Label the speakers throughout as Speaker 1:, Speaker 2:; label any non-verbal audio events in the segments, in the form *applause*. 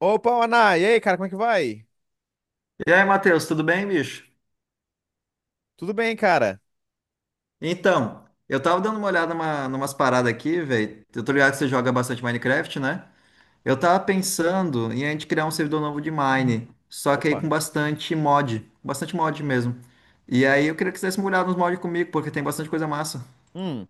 Speaker 1: Opa, Ana! E aí, cara, como é que vai?
Speaker 2: E aí, Matheus, tudo bem, bicho?
Speaker 1: Tudo bem, cara?
Speaker 2: Então, eu tava dando uma olhada numas paradas aqui, velho. Eu tô ligado que você joga bastante Minecraft, né? Eu tava pensando em a gente criar um servidor novo de Mine, só que aí com
Speaker 1: Opa.
Speaker 2: bastante mod mesmo. E aí eu queria que você desse uma olhada nos mods comigo, porque tem bastante coisa massa.
Speaker 1: Hum.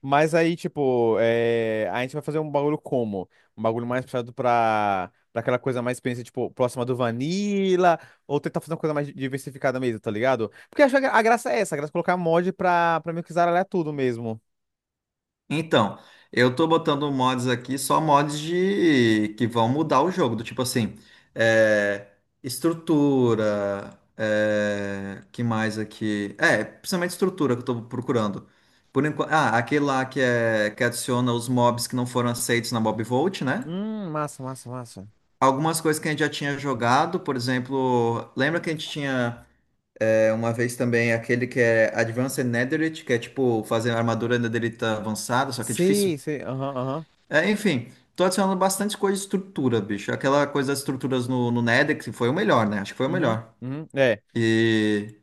Speaker 1: Mas aí, tipo, a gente vai fazer um bagulho como? Um bagulho mais puxado pra aquela coisa mais experiência, tipo, próxima do Vanilla, ou tentar fazer uma coisa mais diversificada mesmo, tá ligado? Porque eu acho que a graça é essa, a graça é colocar mod pra meio que zaralhar tudo mesmo.
Speaker 2: Então, eu tô botando mods aqui, só mods de que vão mudar o jogo, do tipo assim, é, estrutura, que mais aqui? É, principalmente estrutura que eu tô procurando. Por enquanto, aquele lá que é que adiciona os mobs que não foram aceitos na Mob Vault, né?
Speaker 1: Massa, massa, massa.
Speaker 2: Algumas coisas que a gente já tinha jogado, por exemplo, lembra que a gente tinha uma vez também aquele que é Advanced Netherite, que é tipo fazer armadura netherita avançada, só que é difícil.
Speaker 1: Sei, sei, aham, aham.
Speaker 2: É, enfim, tô adicionando bastante coisa de estrutura, bicho. Aquela coisa das estruturas no Nedex foi o melhor, né? Acho que foi o
Speaker 1: Uhum,
Speaker 2: melhor.
Speaker 1: uhum, é.
Speaker 2: E,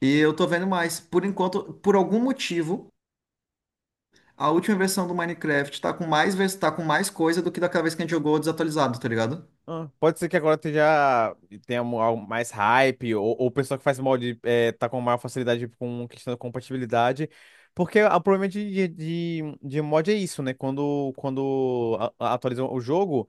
Speaker 2: e eu tô vendo mais. Por enquanto, por algum motivo, a última versão do Minecraft tá com mais, tá com mais coisa do que daquela vez que a gente jogou desatualizado, tá ligado?
Speaker 1: Ah, pode ser que agora tenha, algo mais hype, ou o pessoal que faz mod, tá com maior facilidade com questão da compatibilidade. Porque o problema de mod é isso, né? Quando atualizam o jogo,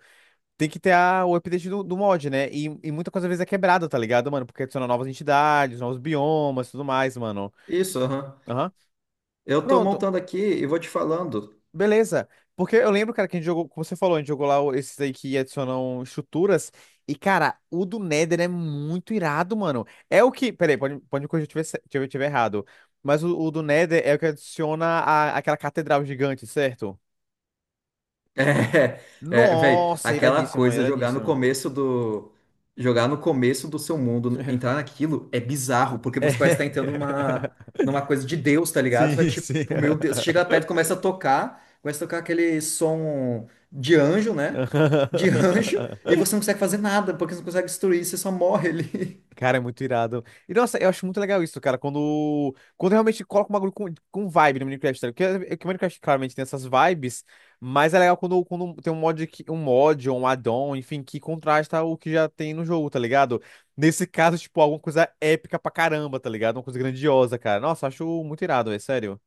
Speaker 1: tem que ter o update do mod, né? E muita coisa às vezes é quebrada, tá ligado, mano? Porque adiciona novas entidades, novos biomas e tudo mais, mano.
Speaker 2: Isso, aham.
Speaker 1: Aham.
Speaker 2: Eu tô
Speaker 1: Pronto,
Speaker 2: montando aqui e vou te falando.
Speaker 1: beleza. Porque eu lembro, cara, que a gente jogou, como você falou, a gente jogou lá esses aí que adicionam estruturas. E, cara, o do Nether é muito irado, mano. É o que. Peraí, pode me corrigir se eu tiver errado. Mas o do Nether é o que adiciona aquela catedral gigante, certo?
Speaker 2: *laughs* É, é, velho,
Speaker 1: Nossa,
Speaker 2: aquela
Speaker 1: iradíssimo,
Speaker 2: coisa jogar no
Speaker 1: iradíssimo.
Speaker 2: começo do jogar no começo do seu mundo, entrar naquilo é bizarro, porque
Speaker 1: É.
Speaker 2: você parece estar entrando numa
Speaker 1: *laughs*
Speaker 2: numa coisa de Deus, tá ligado? Você vai
Speaker 1: Sim,
Speaker 2: tipo,
Speaker 1: sim.
Speaker 2: meu Deus, você chega perto, e começa a tocar aquele som de anjo, né? De *laughs* anjo,
Speaker 1: *laughs*
Speaker 2: e você não consegue fazer nada, porque você não consegue destruir, você só morre ali.
Speaker 1: Cara, é muito irado. E nossa, eu acho muito legal isso, cara, quando realmente coloca um bagulho com vibe no Minecraft, tá ligado? Porque, é que o Minecraft claramente tem essas vibes, mas é legal quando tem um mod, um mod ou um add-on, enfim, que contrasta o que já tem no jogo, tá ligado? Nesse caso, tipo, alguma coisa épica pra caramba, tá ligado? Uma coisa grandiosa, cara. Nossa, acho muito irado, é sério.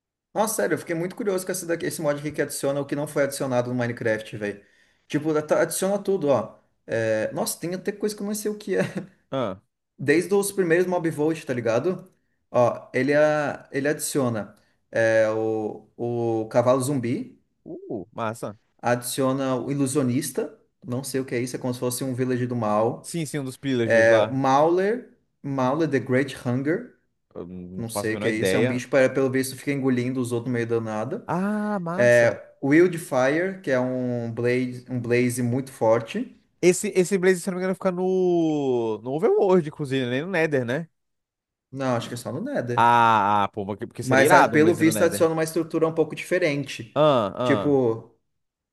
Speaker 2: *laughs* Nossa, sério, eu fiquei muito curioso com esse, daqui, esse mod aqui que adiciona o que não foi adicionado no Minecraft, velho. Tipo, adiciona tudo, ó. É, nossa, tem até coisa que eu não sei o que é.
Speaker 1: Ah,
Speaker 2: Desde os primeiros Mobvolt, tá ligado? Ó, ele adiciona o cavalo zumbi,
Speaker 1: massa.
Speaker 2: adiciona o ilusionista, não sei o que é isso, é como se fosse um villager do mal.
Speaker 1: Sim, sim, um dos pillagers
Speaker 2: É,
Speaker 1: lá.
Speaker 2: Mauler, Mauler the Great Hunger,
Speaker 1: Eu não
Speaker 2: não
Speaker 1: faço a
Speaker 2: sei o
Speaker 1: menor
Speaker 2: que é isso, é um
Speaker 1: ideia.
Speaker 2: bicho que pelo visto fica engolindo os outros no meio do nada.
Speaker 1: Ah, massa.
Speaker 2: É, Wildfire, que é um blaze muito forte.
Speaker 1: Esse Blaze, se não me engano, fica no Overworld, inclusive, nem no Nether, né?
Speaker 2: Não, acho que é só no Nether.
Speaker 1: Ah, ah, pô, porque seria
Speaker 2: Mas ah,
Speaker 1: irado um
Speaker 2: pelo
Speaker 1: Blaze no
Speaker 2: visto
Speaker 1: Nether.
Speaker 2: adiciona uma estrutura um pouco diferente.
Speaker 1: Ah, ah.
Speaker 2: Tipo,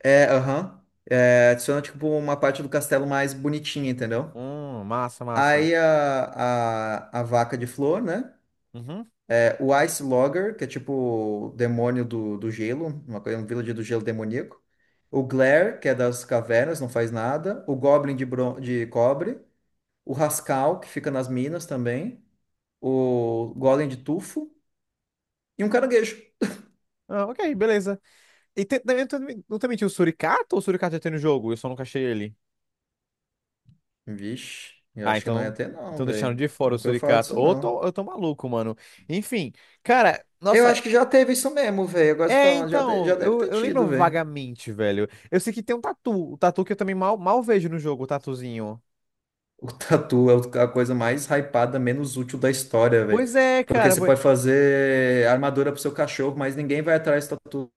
Speaker 2: é, aham. É, adiciona, tipo, uma parte do castelo mais bonitinha, entendeu?
Speaker 1: Massa, massa.
Speaker 2: Aí a vaca de flor, né?
Speaker 1: Uhum.
Speaker 2: É, o Ice Logger, que é tipo o demônio do gelo, uma coisa, um villager do gelo demoníaco. O Glare, que é das cavernas, não faz nada. O Goblin de, bron de cobre. O Rascal, que fica nas minas também. O Golem de tufo. E um caranguejo.
Speaker 1: Ah, ok, beleza. E não também tinha o Suricato, ou o Suricato já tem no jogo? Eu só nunca achei ele.
Speaker 2: Vixe, eu
Speaker 1: Ah,
Speaker 2: acho que não ia
Speaker 1: então.
Speaker 2: ter, não,
Speaker 1: Então deixaram de
Speaker 2: velho.
Speaker 1: fora o
Speaker 2: Nunca ouvi falar
Speaker 1: Suricato.
Speaker 2: disso,
Speaker 1: Ou eu
Speaker 2: não.
Speaker 1: tô, eu tô maluco, mano. Enfim, cara,
Speaker 2: Eu
Speaker 1: nossa.
Speaker 2: acho que já teve isso mesmo, velho. Agora se
Speaker 1: É,
Speaker 2: falando, já, de- já
Speaker 1: então,
Speaker 2: deve
Speaker 1: eu,
Speaker 2: ter
Speaker 1: eu
Speaker 2: tido,
Speaker 1: lembro
Speaker 2: velho.
Speaker 1: vagamente, velho. Eu sei que tem um tatu. O tatu que eu também mal, mal vejo no jogo, o tatuzinho.
Speaker 2: O tatu é a coisa mais hypada, menos útil da história, velho.
Speaker 1: Pois é,
Speaker 2: Porque
Speaker 1: cara.
Speaker 2: você pode fazer armadura pro seu cachorro, mas ninguém vai atrás do tatu.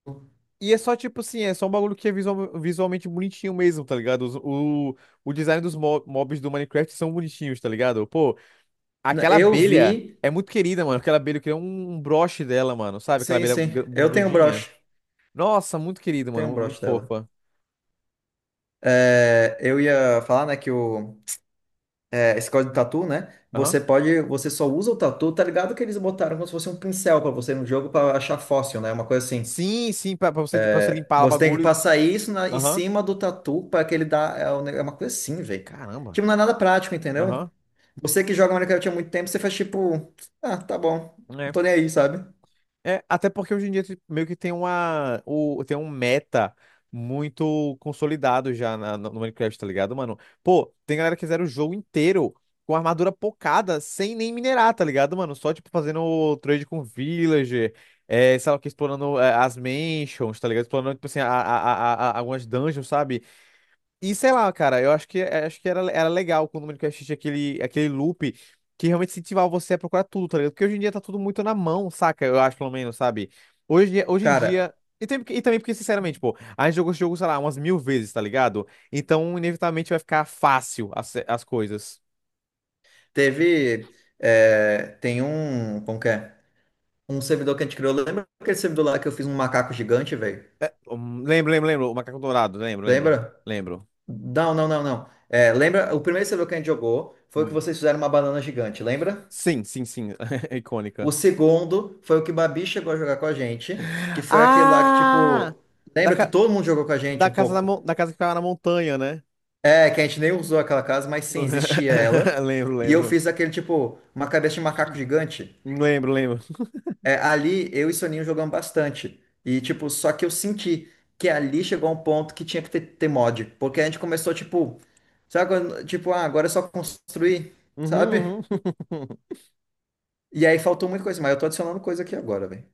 Speaker 1: E é só tipo assim, é só um bagulho que é visualmente bonitinho mesmo, tá ligado? O design dos mobs do Minecraft são bonitinhos, tá ligado? Pô, aquela
Speaker 2: Eu
Speaker 1: abelha
Speaker 2: vi.
Speaker 1: é muito querida, mano. Aquela abelha, eu queria um broche dela, mano, sabe? Aquela
Speaker 2: Sim,
Speaker 1: abelha
Speaker 2: sim. Eu tenho um
Speaker 1: bundudinha.
Speaker 2: broche.
Speaker 1: Nossa, muito querida,
Speaker 2: Tenho um
Speaker 1: mano, muito
Speaker 2: broche dela.
Speaker 1: fofa.
Speaker 2: É, eu ia falar, né, é, esse código de tatu, né?
Speaker 1: Aham.
Speaker 2: Você pode. Você só usa o tatu, tá ligado? Que eles botaram como se fosse um pincel pra você no jogo pra achar fóssil, né? Uma coisa assim.
Speaker 1: Sim, sim, pra você limpar o
Speaker 2: Você tem que
Speaker 1: bagulho.
Speaker 2: passar isso em
Speaker 1: Aham.
Speaker 2: cima do tatu para que ele dá. É um é uma coisa assim, velho.
Speaker 1: Caramba.
Speaker 2: Tipo, não é nada prático, entendeu?
Speaker 1: Aham.
Speaker 2: Você que joga Minecraft há muito tempo, você faz tipo, ah, tá bom, não tô nem aí, sabe?
Speaker 1: É, até porque hoje em dia, tipo, meio que tem um meta muito consolidado já no Minecraft, tá ligado, mano? Pô, tem galera que zera o jogo inteiro com armadura pocada, sem nem minerar, tá ligado, mano? Só, tipo, fazendo o trade com villager, sei lá o que, explorando, as mansions, tá ligado? Explorando, tipo assim, algumas dungeons, sabe? E sei lá, cara, eu acho que, acho que era legal quando o Minecraft tinha aquele loop que realmente incentivava você a procurar tudo, tá ligado? Porque hoje em dia tá tudo muito na mão, saca? Eu acho, pelo menos, sabe? Hoje em
Speaker 2: Cara,
Speaker 1: dia. E, também porque, sinceramente, pô, a gente jogou esse jogo, sei lá, umas mil vezes, tá ligado? Então, inevitavelmente, vai ficar fácil as coisas.
Speaker 2: teve. É, tem um. Como que é? Um servidor que a gente criou. Lembra aquele servidor lá que eu fiz um macaco gigante, velho?
Speaker 1: É, lembro, lembro, lembro. O Macaco Dourado, lembro, lembro,
Speaker 2: Lembra?
Speaker 1: lembro.
Speaker 2: Não, não, não, não. É, lembra? O primeiro servidor que a gente jogou foi o que
Speaker 1: Hum.
Speaker 2: vocês fizeram uma banana gigante, lembra?
Speaker 1: Sim, sim, sim. *laughs* É icônica.
Speaker 2: O segundo foi o que o Babi chegou a jogar com a gente, que foi aquele lá que,
Speaker 1: Ah!
Speaker 2: tipo,
Speaker 1: Da,
Speaker 2: lembra que
Speaker 1: ca-
Speaker 2: todo mundo jogou com a gente um pouco?
Speaker 1: Da casa que ficava na montanha, né?
Speaker 2: É, que a gente nem usou aquela casa, mas sim,
Speaker 1: *laughs*
Speaker 2: existia ela.
Speaker 1: Lembro,
Speaker 2: E eu
Speaker 1: lembro.
Speaker 2: fiz aquele, tipo, uma cabeça de macaco gigante.
Speaker 1: Lembro, lembro.
Speaker 2: É, ali eu e Soninho jogamos bastante. E, tipo, só que eu senti que ali chegou a um ponto que tinha que ter mod. Porque a gente começou, tipo, sabe, tipo, ah, agora é só construir, sabe?
Speaker 1: Uhum, uhum. *laughs*
Speaker 2: E aí faltou muita coisa, mas eu tô adicionando coisa aqui agora, velho.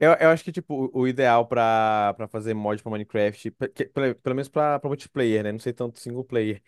Speaker 1: Eu acho que, tipo, o ideal pra fazer mod pra Minecraft, pelo menos pra multiplayer, né? Não sei tanto single player.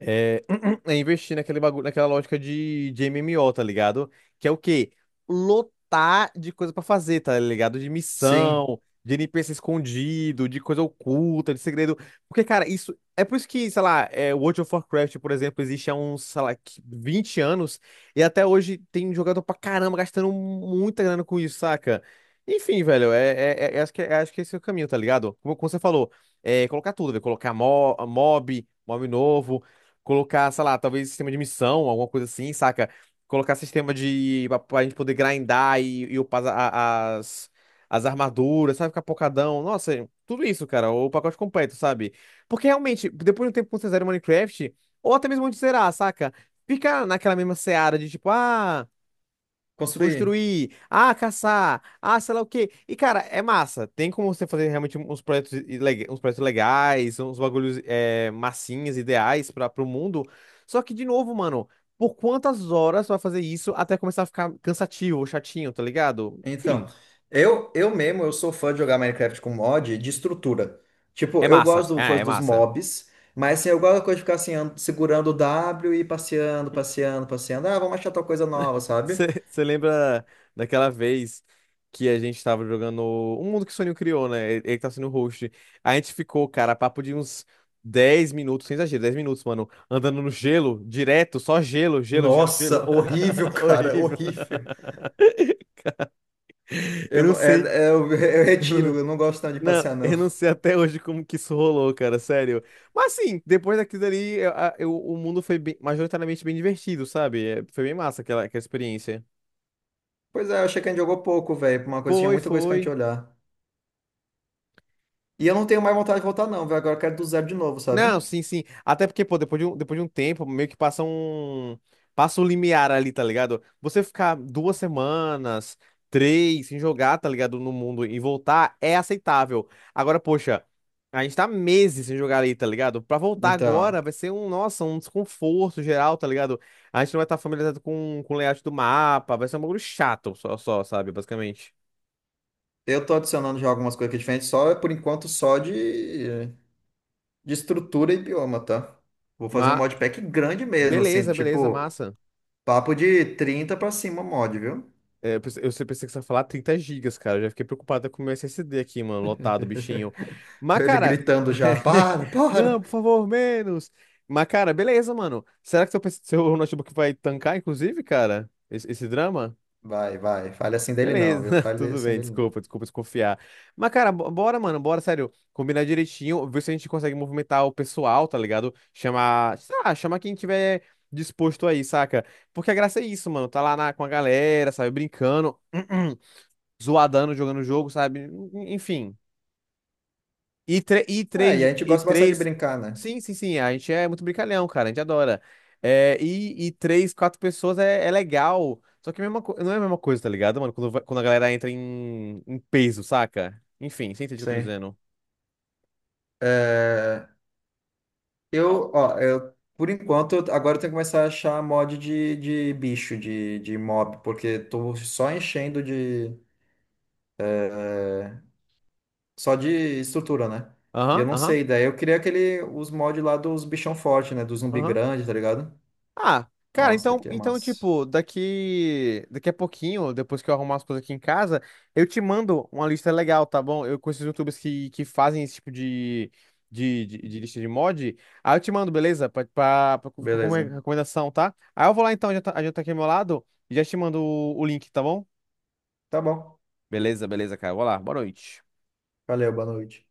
Speaker 1: É, *clears throat* é investir naquele bagulho, naquela lógica de MMO, tá ligado? Que é o quê? Lotar de coisa pra fazer, tá ligado? De
Speaker 2: Sim,
Speaker 1: missão, de NPC escondido, de coisa oculta, de segredo. Porque, cara, isso. É por isso que, sei lá, World of Warcraft, por exemplo, existe há uns, sei lá, 20 anos, e até hoje tem jogador pra caramba gastando muita grana com isso, saca? Enfim, velho, acho que esse é o caminho, tá ligado? Como, como você falou, colocar tudo, velho, colocar mob novo. Colocar, sei lá, talvez sistema de missão, alguma coisa assim, saca? Colocar sistema de. Pra, pra gente poder grindar e upar as armaduras, sabe? Ficar pocadão. Nossa, tudo isso, cara, o pacote completo, sabe? Porque realmente, depois de um tempo que você zera o Minecraft, ou até mesmo antes de zerar, saca? Fica naquela mesma seara de, tipo, ah,
Speaker 2: construir.
Speaker 1: construir, ah, caçar, ah, sei lá o quê. E, cara, é massa. Tem como você fazer realmente uns projetos, uns projetos legais, uns bagulhos, massinhas, ideais para o mundo. Só que, de novo, mano, por quantas horas você vai fazer isso até começar a ficar cansativo, chatinho, tá ligado?
Speaker 2: Então,
Speaker 1: Enfim,
Speaker 2: eu mesmo, eu sou fã de jogar Minecraft com mod de estrutura. Tipo,
Speaker 1: é
Speaker 2: eu
Speaker 1: massa.
Speaker 2: gosto do
Speaker 1: É,
Speaker 2: coisa
Speaker 1: é
Speaker 2: dos
Speaker 1: massa.
Speaker 2: mobs, mas assim, eu gosto da coisa de ficar assim, segurando o W e passeando, passeando, passeando. Ah, vamos achar tal coisa nova, sabe?
Speaker 1: Você lembra daquela vez que a gente tava jogando um mundo que o Soninho criou, né? Ele tá sendo o host. A gente ficou, cara, papo de uns 10 minutos, sem exagero, 10 minutos, mano, andando no gelo, direto, só gelo, gelo, gelo, gelo.
Speaker 2: Nossa, *laughs* horrível,
Speaker 1: *laughs*
Speaker 2: cara,
Speaker 1: Horrível.
Speaker 2: horrível.
Speaker 1: Eu
Speaker 2: Eu
Speaker 1: não
Speaker 2: não, é,
Speaker 1: sei.
Speaker 2: é, eu, *laughs* eu retiro, eu não gosto tanto de
Speaker 1: Não,
Speaker 2: passear, não.
Speaker 1: eu não sei até hoje como que isso rolou, cara, sério. Mas assim, depois daquilo dali, o mundo foi majoritariamente bem divertido, sabe? É, foi bem massa aquela, aquela experiência.
Speaker 2: Pois é, eu achei que a gente jogou pouco, velho, pra uma coisa, que tinha
Speaker 1: Foi,
Speaker 2: muita coisa pra gente
Speaker 1: foi.
Speaker 2: olhar. E eu não tenho mais vontade de voltar, não, velho, agora eu quero do zero de novo,
Speaker 1: Não,
Speaker 2: sabe?
Speaker 1: sim, sim. Até porque, pô, depois de um tempo, meio que passa um. Passa o limiar ali, tá ligado? Você ficar 2 semanas, três, sem jogar, tá ligado? No mundo, e voltar é aceitável. Agora, poxa, a gente tá meses sem jogar ali, tá ligado? Pra voltar agora
Speaker 2: Então.
Speaker 1: vai ser um, nossa, um desconforto geral, tá ligado? A gente não vai estar familiarizado com o layout do mapa, vai ser um bagulho chato, só, sabe? Basicamente.
Speaker 2: Eu tô adicionando já algumas coisas aqui diferentes, só por enquanto só de estrutura e bioma, tá? Vou fazer um
Speaker 1: Mas,
Speaker 2: modpack grande mesmo, assim,
Speaker 1: beleza, beleza,
Speaker 2: tipo,
Speaker 1: massa.
Speaker 2: papo de 30 pra cima mod, viu?
Speaker 1: É, eu pensei que você ia falar 30 gigas, cara. Eu já fiquei preocupada com o meu SSD aqui, mano, lotado, bichinho.
Speaker 2: *laughs*
Speaker 1: Mas,
Speaker 2: Ele
Speaker 1: cara,
Speaker 2: gritando já,
Speaker 1: *laughs*
Speaker 2: para,
Speaker 1: não,
Speaker 2: para!
Speaker 1: por favor, menos. Mas, cara, beleza, mano. Será que PC, seu notebook vai tancar, inclusive, cara? Esse drama?
Speaker 2: Vai, vai, fale assim dele não,
Speaker 1: Beleza,
Speaker 2: viu?
Speaker 1: *laughs*
Speaker 2: Fale
Speaker 1: tudo
Speaker 2: assim
Speaker 1: bem,
Speaker 2: dele não.
Speaker 1: desculpa, desculpa desconfiar. Mas, cara, bora, mano, bora, sério. Combinar direitinho, ver se a gente consegue movimentar o pessoal, tá ligado? Chamar, sei lá, chamar quem tiver disposto aí, saca? Porque a graça é isso, mano. Tá lá com a galera, sabe, brincando. *clears throat* Zoadando, jogando o jogo, sabe? Enfim. E, e
Speaker 2: É, e a
Speaker 1: três,
Speaker 2: gente
Speaker 1: e
Speaker 2: gosta bastante de
Speaker 1: três.
Speaker 2: brincar, né?
Speaker 1: Sim, sim, sim. A gente é muito brincalhão, cara. A gente adora. É, e três, quatro pessoas é legal. Só que não é a mesma coisa, tá ligado, mano? Quando a galera entra em peso, saca? Enfim, você entende o que eu tô
Speaker 2: Sim.
Speaker 1: dizendo?
Speaker 2: É, eu, ó, eu, por enquanto, eu- agora eu tenho que começar a achar mod de bicho, de mob, porque tô só enchendo de. Só de estrutura, né? E eu
Speaker 1: Aham,
Speaker 2: não
Speaker 1: aham,
Speaker 2: sei, daí eu queria aquele, os mods lá dos bichão forte, né? Do zumbi
Speaker 1: aham.
Speaker 2: grande, tá ligado?
Speaker 1: Ah, cara,
Speaker 2: Nossa,
Speaker 1: então,
Speaker 2: que massa.
Speaker 1: tipo, daqui a pouquinho, depois que eu arrumar as coisas aqui em casa, eu te mando uma lista legal, tá bom? Eu conheço YouTubers que fazem esse tipo de lista de mod. Aí eu te mando, beleza? Ficar como
Speaker 2: Beleza.
Speaker 1: recomendação, tá? Aí eu vou lá então, já tá aqui ao meu lado, e já te mando o link, tá bom?
Speaker 2: Tá bom.
Speaker 1: Beleza, beleza, cara. Vou lá. Boa noite.
Speaker 2: Valeu, boa noite.